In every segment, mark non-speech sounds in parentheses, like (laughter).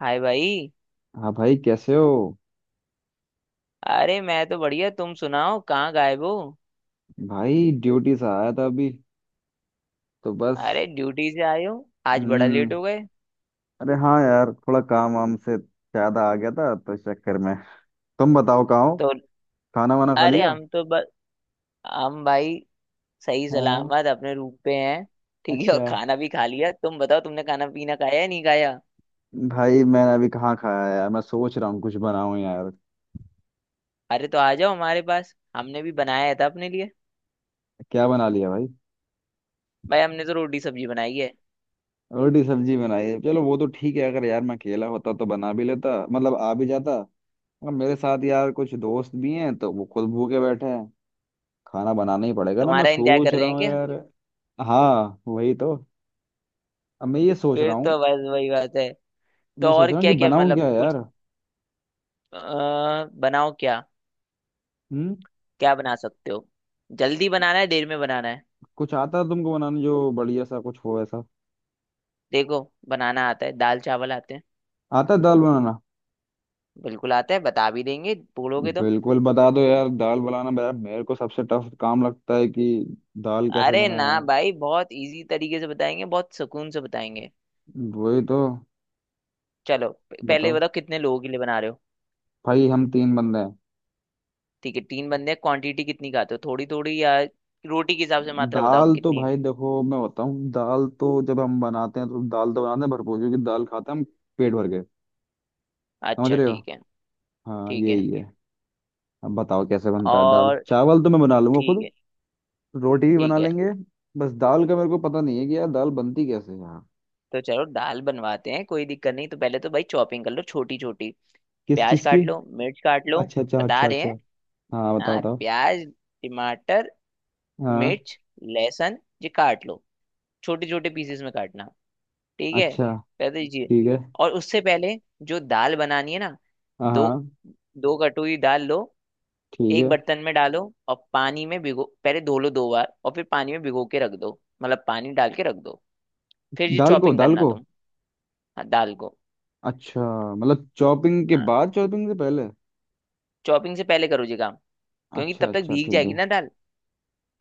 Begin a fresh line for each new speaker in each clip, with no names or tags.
हाय भाई।
हाँ भाई, कैसे हो?
अरे मैं तो बढ़िया, तुम सुनाओ कहाँ गायब हो।
भाई ड्यूटी से आया था अभी, तो बस।
अरे ड्यूटी से आए हो, आज बड़ा
हम्म।
लेट हो गए।
अरे हाँ यार, थोड़ा काम वाम से ज्यादा आ गया था, तो इस चक्कर में। तुम बताओ कहाँ हो?
तो
खाना वाना खा
अरे
लिया?
हम तो बस, हम भाई सही
हाँ।
सलामत अपने रूम पे हैं। ठीक है, और
अच्छा।
खाना भी खा लिया? तुम बताओ, तुमने खाना पीना खाया या नहीं खाया।
भाई मैंने अभी कहाँ खाया यार, मैं सोच रहा हूँ कुछ बनाऊं यार।
अरे तो आ जाओ हमारे पास, हमने भी बनाया था अपने लिए।
क्या बना लिया भाई?
भाई, हमने तो रोटी सब्जी बनाई है।
रोटी सब्जी बनाई है, चलो वो तो ठीक है। अगर यार मैं अकेला होता तो बना भी लेता, मतलब आ भी जाता, मगर मेरे साथ यार कुछ दोस्त भी हैं तो वो खुद भूखे बैठे हैं। खाना बनाना ही पड़ेगा ना, मैं
तुम्हारा इंतजार
सोच
कर रहे
रहा
हैं
हूँ
क्या?
यार। हाँ वही तो। अब मैं ये सोच
फिर
रहा हूँ।
तो बस वही बात है। तो
मैं सोच
और
रहा हूँ कि
क्या क्या,
बनाऊँ
मतलब
क्या
कुछ।
यार।
अ, बनाओ क्या?
हम्म।
क्या बना सकते हो? जल्दी बनाना है, देर में बनाना है?
कुछ आता है तुमको बनाने जो बढ़िया सा कुछ हो ऐसा?
देखो, बनाना आता है, दाल चावल आते हैं।
आता है दाल बनाना?
बिल्कुल आता है, बता भी देंगे बोलोगे तो।
बिल्कुल बता दो यार, दाल बनाना यार मेरे को सबसे टफ काम लगता है कि दाल कैसे
अरे
बनाए
ना
यार।
भाई, बहुत इजी तरीके से बताएंगे, बहुत सुकून से बताएंगे।
वही तो।
चलो, पहले ये
बताओ,
बताओ कितने लोगों के लिए बना रहे हो।
भाई हम तीन बंदे हैं।
ठीक है, तीन बंदे क्वांटिटी कितनी खाते हो, थोड़ी थोड़ी या? रोटी के हिसाब से मात्रा बताओ
दाल तो
कितनी।
भाई देखो मैं बताऊँ, दाल तो जब हम बनाते हैं तो दाल तो बनाते हैं भरपूर, क्योंकि दाल खाते हैं हम पेट भर के। समझ
अच्छा
रहे हो?
ठीक है।
हाँ
ठीक है।
यही है। अब बताओ कैसे बनता है। दाल
और
चावल तो मैं बना लूंगा
ठीक
खुद,
है।
रोटी भी बना
ठीक है।
लेंगे। बस दाल का मेरे को पता नहीं है कि यार दाल बनती कैसे है यहाँ।
तो चलो दाल बनवाते हैं, कोई दिक्कत नहीं। तो पहले तो भाई चॉपिंग कर लो छोटी छोटी।
किस
प्याज
चीज की?
काट लो, मिर्च काट लो।
अच्छा अच्छा
बता
अच्छा
रहे
अच्छा।
हैं।
हाँ बताओ
हाँ,
बताओ।
प्याज, टमाटर,
हाँ।
मिर्च, लहसुन ये काट लो। छोटे छोटे पीसेस में काटना। ठीक है।
अच्छा
पहले ये।
ठीक है।
और उससे पहले जो दाल बनानी है ना,
हाँ
दो
हाँ,
दो कटोरी दाल लो।
ठीक
एक
है।
बर्तन में डालो। और पानी में भिगो, पहले धो लो दो बार, और फिर पानी में भिगो के रख दो, मतलब पानी डाल के रख दो। फिर ये
दाल को?
चॉपिंग
दाल
करना
को
तुम। हाँ, दाल को।
अच्छा, मतलब चॉपिंग के
हाँ,
बाद? चॉपिंग से पहले?
चॉपिंग से पहले करो ये काम, क्योंकि
अच्छा
तब तक
अच्छा
भीग
ठीक
जाएगी
है।
ना दाल।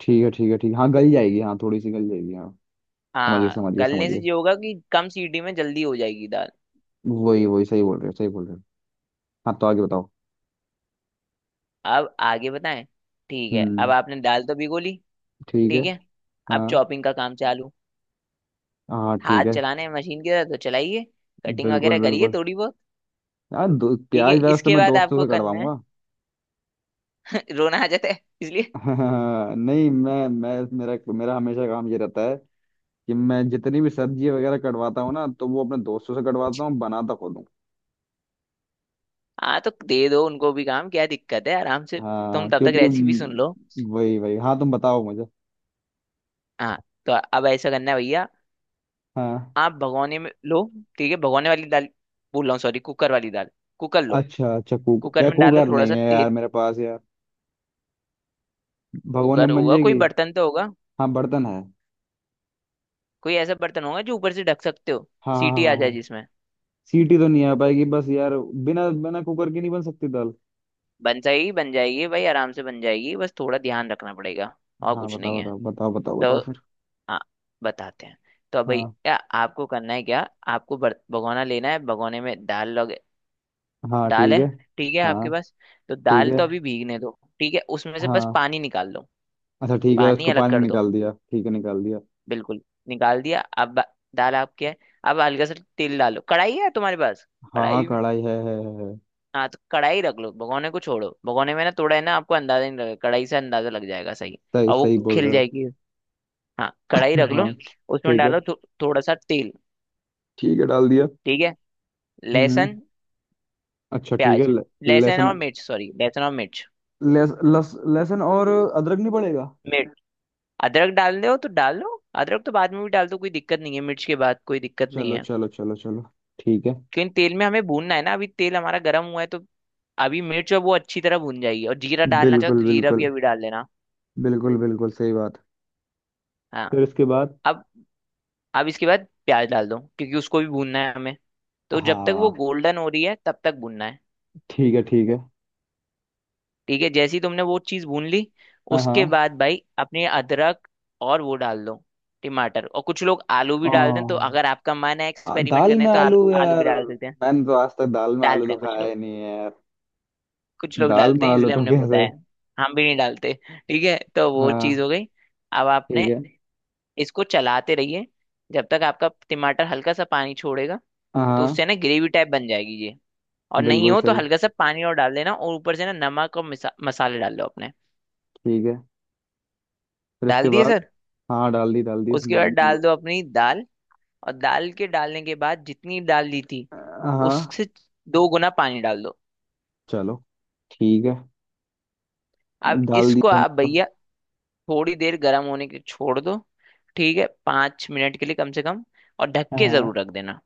ठीक है ठीक है ठीक है, हाँ गल जाएगी, हाँ थोड़ी सी गल जाएगी हाँ। समझ गए
हाँ,
समझ गए समझ
गलने से
गए।
ये होगा कि कम सीटी में जल्दी हो जाएगी दाल।
वही वही, सही बोल रहे हो सही बोल रहे हो। हाँ तो आगे बताओ।
अब आगे बताएं। ठीक है, अब
हम्म।
आपने दाल तो भिगो ली।
ठीक है।
ठीक है, अब
हाँ।
चॉपिंग का काम चालू।
हाँ ठीक
हाथ
है।
चलाने हैं मशीन के, तो चलाइए, कटिंग
बिल्कुल
वगैरह करिए
बिल्कुल।
थोड़ी बहुत।
यार
ठीक है,
प्याज व्याज तो
इसके
मैं
बाद
दोस्तों
आपको
से
करना है।
कटवाऊंगा।
(laughs) रोना आ जाता है इसलिए।
(laughs) हाँ, नहीं मैं, मेरा मेरा हमेशा काम ये रहता है कि मैं जितनी भी सब्जी वगैरह कटवाता हूँ ना, तो वो अपने दोस्तों से कटवाता हूँ, बनाता खुद हूँ।
हाँ, तो दे दो उनको भी काम, क्या दिक्कत है, आराम से। तुम
हाँ
तब तक
क्योंकि
रेसिपी सुन लो।
वही वही, हाँ तुम बताओ मुझे।
हाँ, तो अब ऐसा करना है भैया।
हाँ।
आप भगोने में लो, ठीक है भगोने वाली दाल बोल रहा हूँ, सॉरी कुकर वाली दाल। कुकर लो।
अच्छा अच्छा, कुक
कुकर
या
में डालो
कुकर
थोड़ा
नहीं
सा
है यार
तेल।
मेरे पास यार। भगोने
कुकर
में बन
होगा, कोई
जाएगी?
बर्तन तो होगा।
हाँ बर्तन है।
कोई ऐसा बर्तन होगा जो ऊपर से ढक सकते हो,
हाँ हाँ
सीटी आ
हाँ
जाए
हाँ।
जिसमें।
सीटी तो नहीं आ पाएगी बस यार, बिना बिना कुकर के नहीं बन सकती दाल?
बन जाएगी, बन जाएगी भाई, आराम से बन जाएगी, बस थोड़ा ध्यान रखना पड़ेगा। और
हाँ
कुछ नहीं
बताओ
है।
बताओ बताओ बताओ
तो
बताओ फिर।
आ, बताते हैं। तो अब भाई
हाँ।
क्या आपको करना है क्या? आपको भगोना लेना है, भगोने में दाल लग
हाँ
दाल
ठीक
है,
है।
ठीक है
हाँ
आपके पास। तो
ठीक
दाल
है।
तो अभी भीगने दो, ठीक है उसमें से बस
हाँ
पानी निकाल दो,
अच्छा ठीक है,
पानी
उसको
अलग
पानी
कर दो,
निकाल दिया, ठीक है निकाल दिया।
बिल्कुल निकाल दिया। अब दाल आपकी है। अब हल्का सा तेल डालो, कढ़ाई है तुम्हारे पास?
हाँ हाँ
कढ़ाई।
कढ़ाई है, है है।
हाँ, तो कढ़ाई रख लो, भगोने को छोड़ो, भगोने में ना थोड़ा है ना, आपको अंदाजा नहीं लगेगा, कढ़ाई से अंदाजा लग जाएगा सही,
सही
और वो
सही बोल
खिल
रहे हो।
जाएगी। हाँ, कढ़ाई रख
हाँ
लो। उसमें
ठीक है।
डालो थोड़ा सा तेल।
ठीक है डाल दिया।
ठीक है,
हम्म हम्म।
लहसुन,
अच्छा ठीक है,
प्याज, लहसुन
लहसुन।
और मिर्च, सॉरी लहसुन और मिर्च।
लहस, लहस, लहसुन और अदरक नहीं पड़ेगा?
मिर्च। अदरक डाल दो तो डाल लो, अदरक तो बाद में भी डाल दो, कोई दिक्कत नहीं है, मिर्च के बाद कोई दिक्कत नहीं
चलो
है।
चलो चलो चलो। ठीक है।
क्योंकि तेल में हमें भूनना है ना, अभी तेल हमारा गर्म हुआ है तो अभी मिर्च और वो अच्छी तरह भून जाएगी, और जीरा डालना चाहो
बिल्कुल
तो जीरा भी
बिल्कुल।
अभी डाल देना।
बिल्कुल बिल्कुल सही बात।
हाँ।
फिर इसके बाद?
अब, इसके बाद प्याज डाल दो, क्योंकि उसको भी भूनना है हमें, तो जब तक वो
हाँ
गोल्डन हो रही है तब तक भूनना है।
ठीक है ठीक है।
ठीक है, जैसे ही तुमने वो चीज़ भून ली,
हाँ
उसके
हाँ।
बाद भाई अपने अदरक और वो डाल दो, टमाटर। और कुछ लोग आलू भी डाल दें, तो अगर आपका मन है एक्सपेरिमेंट
दाल
करने,
में
तो आलू
आलू
आलू भी
यार?
डाल सकते हैं।
मैंने तो आज तक दाल में आलू
डालते
तो
हैं कुछ
खाया
लोग,
ही नहीं है यार।
कुछ लोग
दाल में
डालते हैं
आलू
इसलिए
तो
हमने
कैसे।
बताया। हम भी नहीं डालते। ठीक है, तो वो
हाँ।
चीज़ हो गई। अब आपने
ठीक है।
इसको चलाते रहिए, जब तक आपका टमाटर हल्का सा पानी छोड़ेगा, तो
हाँ।
उससे ना ग्रेवी टाइप बन जाएगी ये। और नहीं
बिल्कुल
हो तो
सही।
हल्का सा पानी और डाल देना, और ऊपर से ना नमक और मसाले डाल दो अपने।
ठीक है। फिर उसके
डाल दिए
बाद?
सर।
हाँ डाल दी डाल दी,
उसके
सामान
बाद
मान
डाल
लो।
दो अपनी दाल, और दाल के डालने के बाद जितनी डाल दी थी,
हाँ।
उससे दो गुना पानी डाल दो।
चलो ठीक है।
अब
डाल दी
इसको आप
सामान लो।
भैया थोड़ी देर गर्म होने के छोड़ दो, ठीक है 5 मिनट के लिए कम से कम, और ढक के
हाँ।
जरूर रख देना।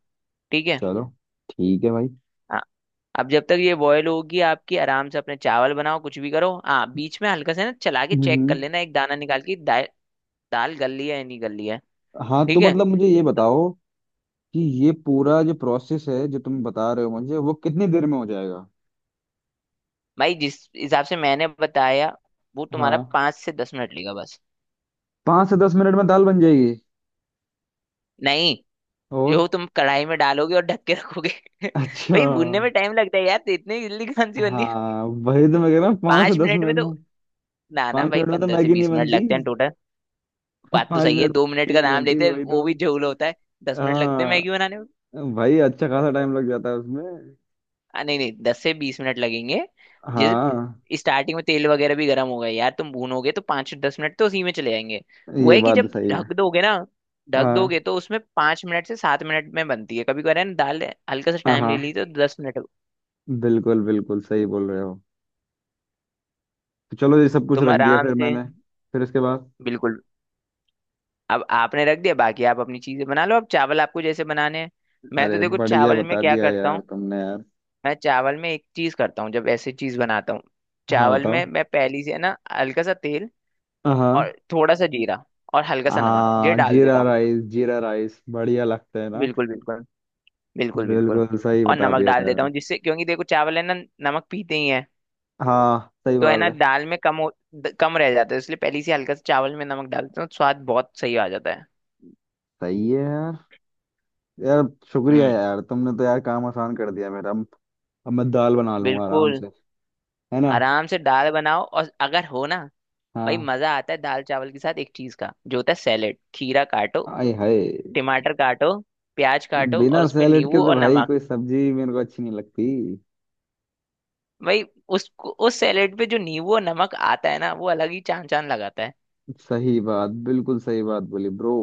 ठीक है।
चलो ठीक है भाई।
हाँ, अब जब तक ये बॉयल होगी आपकी, आराम से अपने चावल बनाओ, कुछ भी करो। हाँ, बीच में हल्का सा ना चला के चेक कर
हम्म।
लेना, एक दाना निकाल के दाल गल रही है या नहीं गल रही है।
हाँ तो
ठीक है
मतलब मुझे ये बताओ कि ये पूरा जो प्रोसेस है जो तुम बता रहे हो मुझे, वो कितनी देर में हो जाएगा?
भाई, जिस हिसाब से मैंने बताया, वो तुम्हारा
हाँ।
5 से 10 मिनट लेगा बस।
पाँच से दस मिनट में दाल बन जाएगी?
नहीं, जो
और?
तुम कढ़ाई में डालोगे और ढक के रखोगे। (laughs)
अच्छा।
भाई, भूनने में टाइम लगता है यार, तो इतनी जल्दी कौन सी बननी है
हाँ वही तो मैं कह रहा हूँ, पाँच से
पांच
दस
मिनट में
मिनट में
तो। ना ना
पाँच
भाई,
मिनट में तो
पंद्रह से
मैगी नहीं
बीस मिनट
बनती।
लगते हैं टोटल।
(laughs)
बात तो
पाँच
सही है,
मिनट
2 मिनट
में
का
नहीं
नाम
बनती,
लेते हैं
वही
वो
तो।
भी झोल होता है। 10 मिनट लगते हैं मैगी
हाँ
बनाने।
भाई, अच्छा खासा टाइम लग जाता है उसमें।
नहीं नहीं, 10 से 20 मिनट लगेंगे।
हाँ
जैसे स्टार्टिंग में तेल वगैरह भी गर्म होगा यार, तुम भूनोगे तो 5-10 मिनट तो उसी में चले जाएंगे। वो
ये
है कि
बात
जब
सही है।
ढक दोगे ना, ढक
हाँ
दोगे तो उसमें 5 मिनट से 7 मिनट में बनती है, कभी कभी ना दाल। हल्का सा
हाँ।
टाइम
हाँ
ले ली तो 10 मिनट।
बिल्कुल बिल्कुल सही बोल रहे हो। तो चलो ये सब कुछ
तुम
रख दिया
आराम
फिर
से,
मैंने, फिर उसके बाद?
बिल्कुल। अब आपने रख दिया, बाकी आप अपनी चीजें बना लो, अब चावल आपको जैसे बनाने हैं। मैं तो
अरे
देखो
बढ़िया
चावल में
बता
क्या
दिया
करता
यार
हूँ,
तुमने यार।
मैं चावल में एक चीज करता हूँ जब ऐसी चीज बनाता हूँ।
हाँ
चावल
बताओ।
में मैं पहली से ना हल्का सा तेल
हाँ हाँ।
और थोड़ा सा जीरा और हल्का सा नमक ये
हाँ,
डाल देता
जीरा
हूँ।
राइस! जीरा राइस बढ़िया लगता है ना।
बिल्कुल बिल्कुल। बिल्कुल बिल्कुल।
बिल्कुल सही
और
बता
नमक
दिया
डाल देता
यार।
हूँ जिससे, क्योंकि देखो चावल है ना, नमक पीते ही हैं,
हाँ सही
तो है
बात
ना
है।
दाल में कम हो कम रह जाता है, इसलिए पहले ही से हल्का सा चावल में नमक डालते हैं, स्वाद बहुत सही आ जाता है।
सही है यार। यार शुक्रिया
हम्म।
यार, तुमने तो यार काम आसान कर दिया मेरा। अब मैं दाल बना लूंगा आराम
बिल्कुल,
से। है ना?
आराम से दाल बनाओ, और अगर हो ना, भाई
हाँ।
मजा आता है दाल चावल के साथ एक चीज का जो होता है, सैलेड। खीरा काटो,
आय हाय!
टमाटर काटो, प्याज काटो
बिना
और उस पे
सैलेड के
नींबू
तो
और
भाई
नमक।
कोई सब्जी मेरे को अच्छी नहीं लगती।
भाई, उस सैलेड पे जो नींबू और नमक आता है ना, वो अलग ही चांद चांद लगाता है।
सही बात, बिल्कुल सही बात बोली ब्रो।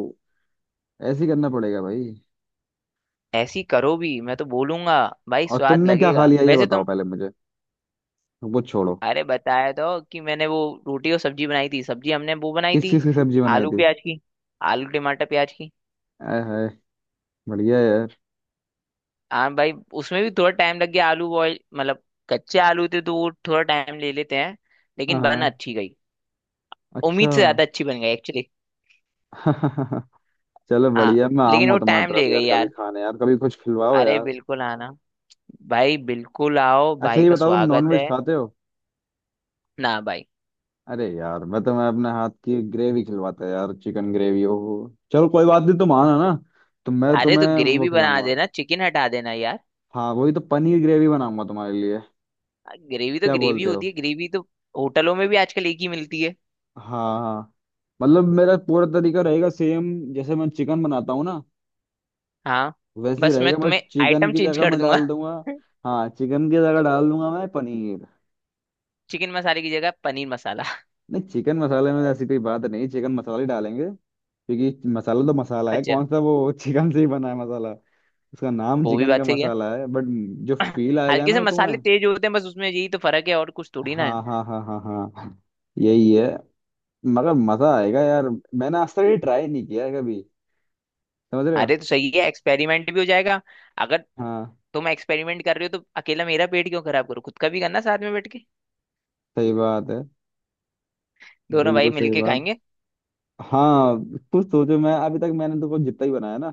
ऐसे ही करना पड़ेगा भाई।
ऐसी करो भी, मैं तो बोलूंगा, भाई
और
स्वाद
तुमने क्या खा
लगेगा
लिया ये
वैसे
बताओ
तुम।
पहले मुझे, वो छोड़ो।
अरे बताया तो, कि मैंने वो रोटी और सब्जी बनाई थी, सब्जी हमने वो बनाई
किस
थी,
चीज़ की सब्जी बनाई
आलू
थी?
प्याज की, आलू टमाटर प्याज की।
आय हाय, बढ़िया यार।
हाँ भाई, उसमें भी थोड़ा टाइम लग गया, आलू बॉयल मतलब, कच्चे आलू थे तो वो थोड़ा टाइम ले लेते हैं, लेकिन बन
हाँ।
अच्छी गई,
अच्छा।
उम्मीद से ज्यादा अच्छी बन गई एक्चुअली।
(laughs) चलो
हाँ,
बढ़िया, मैं
लेकिन
आऊंगा
वो
तुम्हारी
टाइम
तरफ
ले गई
यार कभी
यार।
खाने, यार कभी कुछ खिलवाओ
अरे
यार।
बिल्कुल आना, भाई बिल्कुल आओ,
अच्छा
भाई
ये
का
बताओ, तुम
स्वागत है।
नॉनवेज खाते हो?
ना भाई।
अरे यार, मैं तो मैं अपने हाथ की ग्रेवी खिलवाता यार, चिकन ग्रेवी ओ। चलो कोई बात नहीं, तुम आना ना, तो मैं
अरे तो
तुम्हें वो
ग्रेवी बना
खिलाऊंगा।
देना, चिकन हटा देना यार।
हाँ वही तो, पनीर ग्रेवी बनाऊंगा तुम्हारे लिए।
ग्रेवी तो
क्या
ग्रेवी
बोलते हो?
होती है, ग्रेवी तो होटलों में भी आजकल एक ही मिलती है।
हाँ हाँ। मतलब मेरा पूरा तरीका रहेगा सेम, जैसे मैं चिकन बनाता हूँ ना
हाँ,
वैसे ही
बस मैं
रहेगा, बट
तुम्हें
चिकन
आइटम
की
चेंज
जगह
कर
मैं
दूंगा।
डाल दूंगा।
(laughs)
हाँ चिकन की जगह डाल दूंगा मैं पनीर।
चिकन मसाले की जगह पनीर मसाला।
नहीं चिकन मसाले में ऐसी कोई बात नहीं, चिकन मसाला ही डालेंगे। क्योंकि मसाला तो
(laughs)
मसाला है,
अच्छा,
कौन सा वो (laughs) चिकन से ही बना है मसाला। इसका नाम
वो भी
चिकन का
बात सही है।
मसाला है बट जो फील आएगा
हल्के से
ना तुम्हें।
मसाले तेज होते हैं बस उसमें, यही तो फर्क है, और कुछ थोड़ी ना है।
हाँ हाँ हाँ हाँ हाँ, यही है। मगर मजा आएगा यार, मैंने आज तक ये ट्राई नहीं किया है कभी। समझ रहे हो?
अरे तो सही है, एक्सपेरिमेंट भी हो जाएगा। अगर
हाँ
तुम एक्सपेरिमेंट कर रहे हो, तो अकेला मेरा पेट क्यों खराब करो, खुद का भी करना साथ में बैठ के,
सही बात है,
दोनों भाई
बिल्कुल सही
मिलके
बात।
खाएंगे।
हाँ। कुछ सोचो, मैं अभी तक मैंने तो कुछ जितना ही बनाया ना,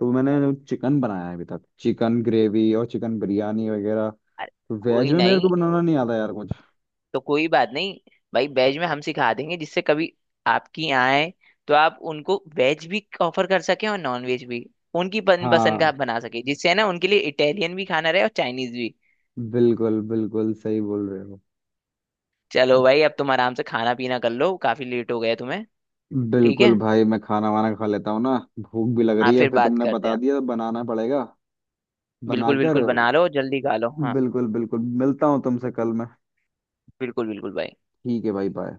तो मैंने चिकन बनाया है अभी तक, चिकन ग्रेवी और चिकन बिरयानी वगैरह।
अरे
वेज
कोई
में मेरे को
नहीं,
बनाना नहीं आता यार कुछ।
तो कोई बात नहीं। भाई, वेज में हम सिखा देंगे, जिससे कभी आपकी आए, तो आप उनको वेज भी ऑफर कर सके और नॉन वेज भी, उनकी पसंद का
हाँ
आप बना सके, जिससे है ना, उनके लिए इटालियन भी खाना रहे और चाइनीज भी।
बिल्कुल बिल्कुल सही बोल रहे हो।
चलो भाई, अब तुम आराम से खाना पीना कर लो, काफी लेट हो गया तुम्हें। ठीक
बिल्कुल
है,
भाई, मैं खाना वाना खा लेता हूँ ना, भूख भी लग
आप
रही है,
फिर
फिर
बात
तुमने
करते
बता
हैं।
दिया तो बनाना पड़ेगा
बिल्कुल बिल्कुल,
बनाकर।
बना लो और जल्दी खा लो, हाँ।
बिल्कुल बिल्कुल, मिलता हूँ तुमसे कल मैं।
बिल्कुल बिल्कुल भाई।
ठीक है भाई, बाय।